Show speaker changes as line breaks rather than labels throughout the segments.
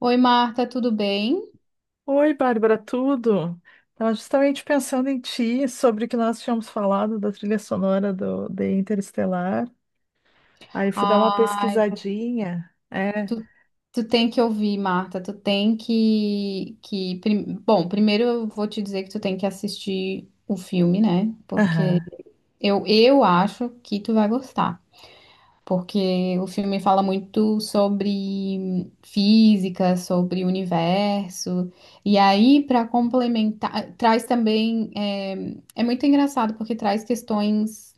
Oi, Marta, tudo bem?
Oi, Bárbara, tudo? Estava justamente pensando em ti, sobre o que nós tínhamos falado da trilha sonora de Interestelar. Aí fui dar uma
Ai,
pesquisadinha. É.
tu, tu tem que ouvir, Marta, tu tem que, Bom, primeiro eu vou te dizer que tu tem que assistir o filme, né? Porque
Aham.
eu acho que tu vai gostar. Porque o filme fala muito sobre física, sobre o universo. E aí, para complementar, traz também... É, é muito engraçado porque traz questões.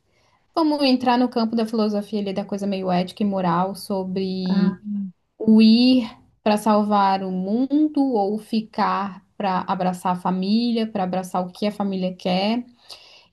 Vamos entrar no campo da filosofia ali, da coisa meio ética e moral,
Ah,
sobre o ir para salvar o mundo ou ficar para abraçar a família, para abraçar o que a família quer.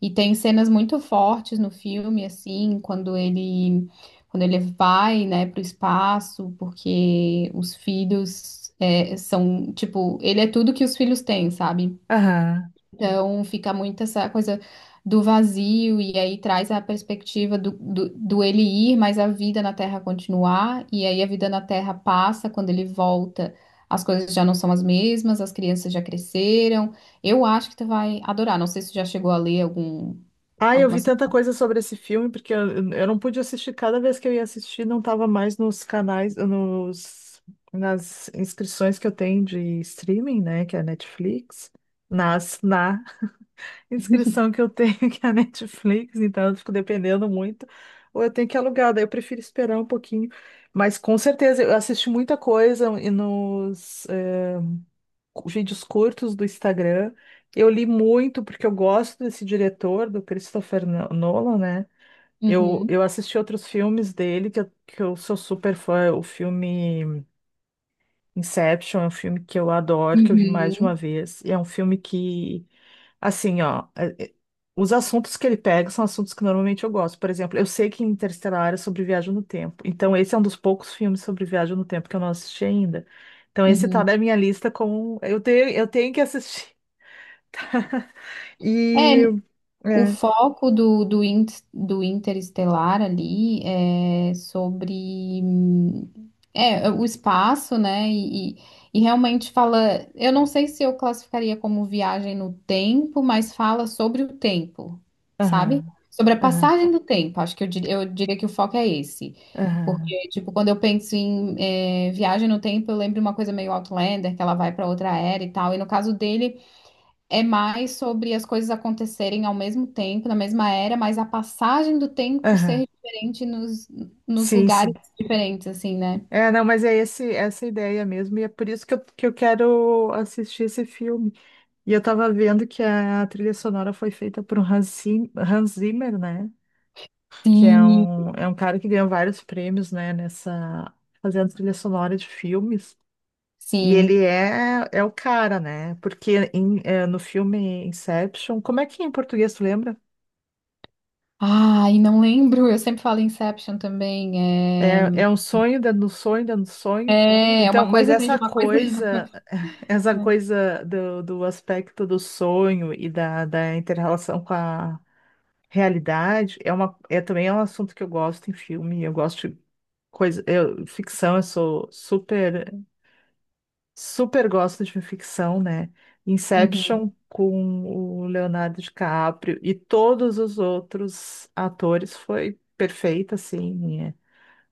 E tem cenas muito fortes no filme, assim, quando ele vai, né, para o espaço, porque os filhos é, são, tipo, ele é tudo que os filhos têm, sabe?
aham.
Então fica muito essa coisa do vazio, e aí traz a perspectiva do ele ir, mas a vida na Terra continuar, e aí a vida na Terra passa, quando ele volta, as coisas já não são as mesmas, as crianças já cresceram. Eu acho que tu vai adorar. Não sei se tu já chegou a ler algum,
Ah, eu
alguma.
vi tanta coisa sobre esse filme, porque eu não pude assistir. Cada vez que eu ia assistir, não estava mais nos canais, nas inscrições que eu tenho de streaming, né? Que é a Netflix. Na inscrição que eu tenho, que é a Netflix, então eu fico dependendo muito, ou eu tenho que alugar, daí eu prefiro esperar um pouquinho. Mas com certeza, eu assisti muita coisa e nos vídeos curtos do Instagram. Eu li muito, porque eu gosto desse diretor, do Christopher Nolan, né? Eu,
Uhum,
eu assisti outros filmes dele, que eu sou super fã, o filme. Inception é um filme que eu adoro, que eu vi mais de uma
uhum,
vez. E é um filme que, assim, ó, os assuntos que ele pega são assuntos que normalmente eu gosto. Por exemplo, eu sei que Interestelar é sobre viagem no tempo. Então, esse é um dos poucos filmes sobre viagem no tempo que eu não assisti ainda. Então, esse tá
uhum.
na minha lista como eu tenho que assistir. E.
É, o
É.
foco do Interestelar ali é sobre é, o espaço, né? E realmente fala. Eu não sei se eu classificaria como viagem no tempo, mas fala sobre o tempo, sabe?
Aham,
Sobre a
aham,
passagem do tempo. Acho que eu diria que o foco é esse.
aham,
Porque, tipo, quando eu penso em é, viagem no tempo, eu lembro uma coisa meio Outlander, que ela vai para outra era e tal. E no caso dele, é mais sobre as coisas acontecerem ao mesmo tempo, na mesma era, mas a passagem do tempo
aham.
ser diferente nos
Sim,
lugares
sim.
diferentes, assim, né?
É, não, mas é esse, essa ideia mesmo, e é por isso que que eu quero assistir esse filme. E eu tava vendo que a trilha sonora foi feita por um Hans Zimmer, né?
Sim.
É um cara que ganhou vários prêmios, né? Nessa, fazendo trilha sonora de filmes. E ele
Sim.
é o cara, né? Porque no filme Inception, como é que é em português, tu lembra?
Ah, e não lembro, eu sempre falo Inception também.
É um sonho dentro do sonho dentro do
É,
sonho.
é
Então,
uma
mas
coisa dentro de
essa
uma coisa. Dentro de uma
coisa, essa
coisa.
coisa do aspecto do sonho e da inter-relação com a realidade é uma é também é um assunto que eu gosto em filme, eu gosto de coisa, eu, ficção, eu sou super super gosto de ficção, né?
Uhum.
Inception com o Leonardo DiCaprio e todos os outros atores foi perfeita, assim. É.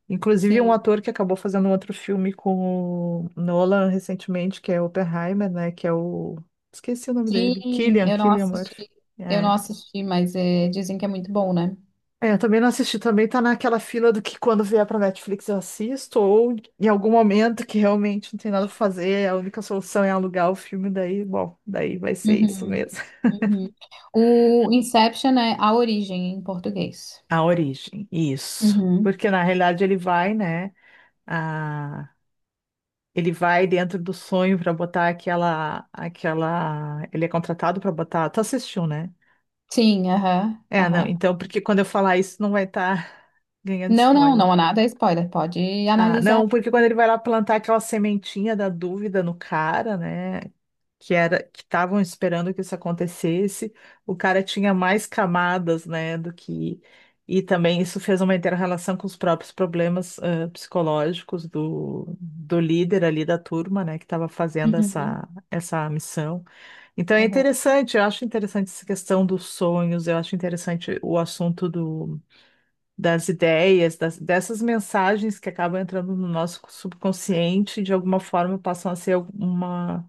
Inclusive um
Sim.
ator que acabou fazendo um outro filme com o Nolan recentemente, que é Oppenheimer, né? Que é o esqueci o nome dele,
Sim,
Killian Murphy.
eu não
É.
assisti, mas é, dizem que é muito bom, né?
É, eu também não assisti, também tá naquela fila do que quando vier pra Netflix eu assisto, ou em algum momento que realmente não tem nada pra fazer, é a única solução é alugar o filme, daí, bom, daí vai ser isso
Uhum,
mesmo.
uhum. O Inception é A Origem em português.
A origem, isso.
Uhum.
Porque na realidade ele vai, né, a... ele vai dentro do sonho pra botar ele é contratado pra botar, tu assistiu, né?
Sim, aham,
É, não,
aham.
então, porque quando eu falar isso não vai estar ganhando
Não, não,
spoiler.
não há nada, é spoiler, pode
Ah,
analisar.
não, porque quando ele vai lá plantar aquela sementinha da dúvida no cara, né? Que era que estavam esperando que isso acontecesse, o cara tinha mais camadas, né, do que e também isso fez uma inter-relação com os próprios problemas psicológicos do líder ali da turma, né, que estava fazendo
Uhum,
essa missão. Então é
aham.
interessante, eu acho interessante essa questão dos sonhos, eu acho interessante o assunto do dessas mensagens que acabam entrando no nosso subconsciente, de alguma forma passam a ser uma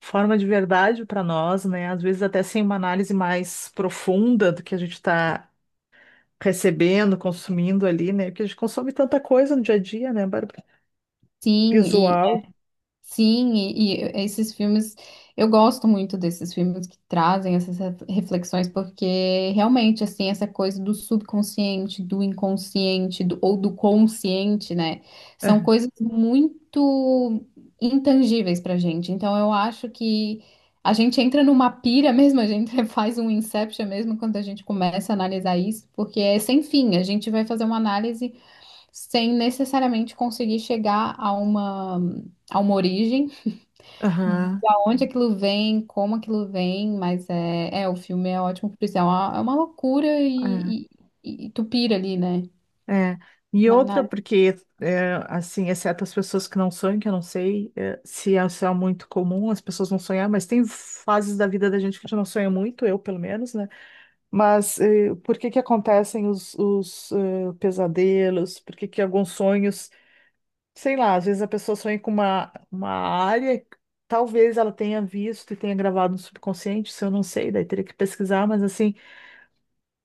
forma de verdade para nós, né? Às vezes até sem uma análise mais profunda do que a gente está recebendo, consumindo ali, né? Porque a gente consome tanta coisa no dia a dia, né, Bárbara?
Sim,
Visual.
sim, e esses filmes, eu gosto muito desses filmes que trazem essas reflexões, porque realmente, assim, essa coisa do subconsciente, do inconsciente, ou do consciente, né, são coisas muito intangíveis pra gente. Então, eu acho que a gente entra numa pira mesmo, a gente faz um inception mesmo quando a gente começa a analisar isso, porque é sem fim, a gente vai fazer uma análise sem necessariamente conseguir chegar a uma origem,
Aham,
da onde aquilo vem, como aquilo vem, mas é, é o filme é ótimo por isso, é uma loucura e, e tu pira ali, né?
é. E
Na,
outra,
na...
porque, é, assim, exceto as pessoas que não sonham, que eu não sei, se é muito comum as pessoas não sonhar, mas tem fases da vida da gente que a gente não sonha muito, eu pelo menos, né? Mas é, por que que acontecem pesadelos? Por que que alguns sonhos, sei lá, às vezes a pessoa sonha com uma área, que talvez ela tenha visto e tenha gravado no subconsciente, isso eu não sei, daí teria que pesquisar, mas assim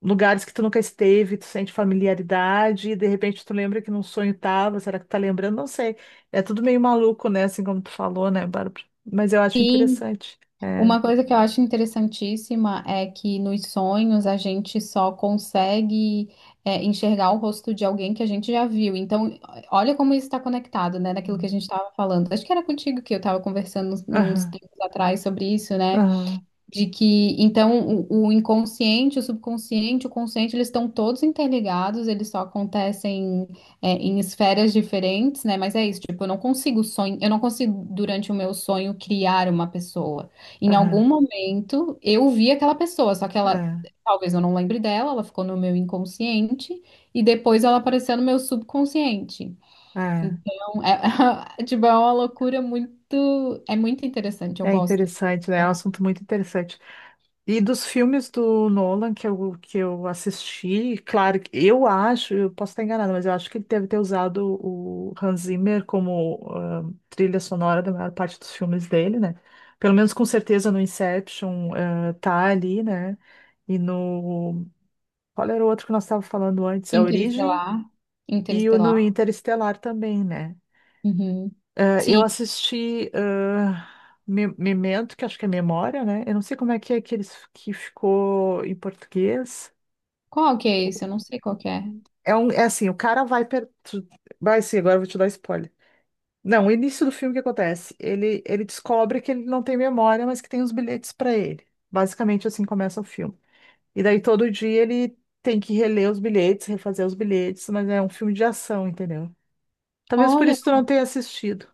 lugares que tu nunca esteve, tu sente familiaridade, e de repente tu lembra que num sonho tava, será que tu tá lembrando? Não sei. É tudo meio maluco, né? Assim como tu falou, né, Bárbara? Mas eu acho
Sim,
interessante. É.
uma coisa que eu acho interessantíssima é que nos sonhos a gente só consegue é, enxergar o rosto de alguém que a gente já viu. Então, olha como isso está conectado, né, naquilo que a gente estava falando. Acho que era contigo que eu estava conversando uns
Aham,
tempos atrás sobre isso, né?
aham,
De que, então, o inconsciente, o subconsciente, o consciente, eles estão todos interligados, eles só acontecem, é, em esferas diferentes, né? Mas é isso, tipo, eu não consigo, durante o meu sonho, criar uma pessoa. Em
aham.
algum momento, eu vi aquela pessoa, só que ela, talvez eu não lembre dela, ela ficou no meu inconsciente, e depois ela apareceu no meu subconsciente.
É, é.
Então, é, tipo, é uma loucura muito, é muito interessante, eu
É
gosto.
interessante, né? É um assunto muito interessante. E dos filmes do Nolan que eu assisti, claro, que eu acho, eu posso estar enganada, mas eu acho que ele deve ter usado o Hans Zimmer como trilha sonora da maior parte dos filmes dele, né? Pelo menos com certeza no Inception tá ali, né? E no. Qual era o outro que nós estávamos falando antes? A Origem
Interestelar.
e o no
Interestelar.
Interestelar também, né?
Uhum.
Eu
Sim.
assisti Memento, que acho que é Memória, né? Eu não sei como é que eles que ficou em português.
Qual que é esse? Eu não sei qual que é.
É assim, o cara vai per... vai sim, agora eu vou te dar spoiler. Não, o início do filme o que acontece? Ele descobre que ele não tem memória, mas que tem os bilhetes para ele. Basicamente assim começa o filme. E daí todo dia ele tem que reler os bilhetes, refazer os bilhetes, mas é um filme de ação, entendeu? Talvez por
Olha,
isso tu não tenha assistido.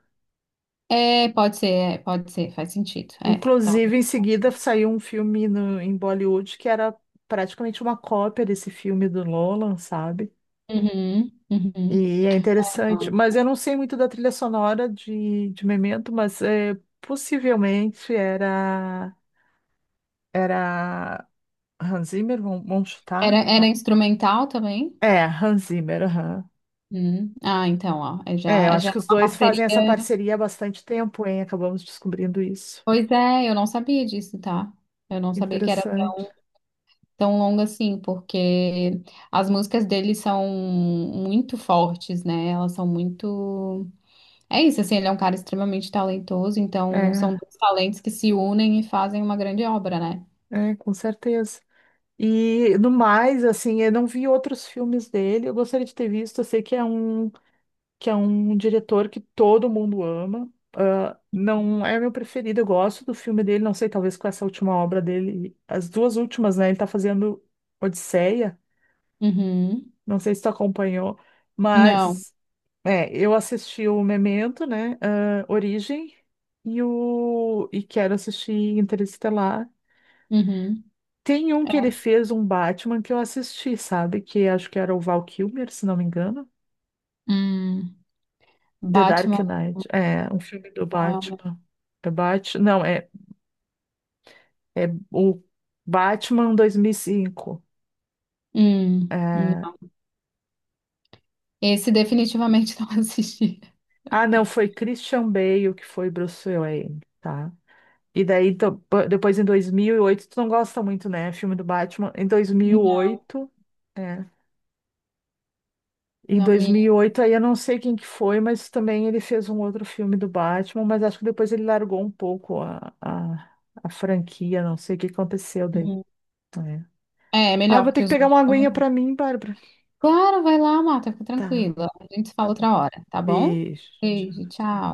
é, pode ser, faz sentido. É, top.
Inclusive, em seguida saiu um filme em Bollywood que era praticamente uma cópia desse filme do Nolan, sabe?
Uhum, uhum.
E é interessante. Mas
Não.
eu não sei muito da trilha sonora de Memento, mas é, possivelmente era, era Hans Zimmer, vamos chutar?
Era, era instrumental também?
É, Hans Zimmer, aham.
Hum. Ah, então, ó, é
É, eu
já, já
acho
é
que os
uma
dois fazem essa
parceria.
parceria há bastante tempo, hein? Acabamos descobrindo isso.
Pois é, eu não sabia disso, tá? Eu não sabia que era
Interessante.
tão longa assim, porque as músicas dele são muito fortes, né? Elas são muito. É isso, assim, ele é um cara extremamente talentoso, então são
É,
dois talentos que se unem e fazem uma grande obra, né?
é, com certeza. E no mais, assim, eu não vi outros filmes dele. Eu gostaria de ter visto. Eu sei que é que é um diretor que todo mundo ama. Ah, não é meu preferido. Eu gosto do filme dele. Não sei, talvez com essa última obra dele, as duas últimas, né? Ele tá fazendo Odisseia.
Uhum.
Não sei se tu acompanhou,
Não.
mas é, eu assisti o Memento, né? Origem e quero assistir Interestelar.
Uhum.
Tem um que ele fez um Batman que eu assisti, sabe? Que acho que era o Val Kilmer, se não me engano.
Hum.
The
Batman
Dark Knight. É, um filme do
não é o meu.
Batman. É Batman. Não, é, é o Batman 2005.
Hum.
É...
Não. Esse definitivamente não assisti.
Ah, não, foi Christian Bale que foi Bruce Wayne, tá? E daí, então, depois em 2008, tu não gosta muito, né? Filme do Batman. Em
Não,
2008. Em
não
dois
me.
mil e oito, aí eu não sei quem que foi, mas também ele fez um outro filme do Batman, mas acho que depois ele largou um pouco a franquia, não sei o que aconteceu daí.
Uhum.
É.
É, é
Ah, eu
melhor
vou ter
porque
que
os
pegar uma
outros são
aguinha
melhores.
pra mim, Bárbara.
Claro, vai lá, mata, fica
Tá,
tranquila. A gente se fala
tá bom.
outra hora, tá bom?
Beijo.
Beijo,
Tchau.
tchau.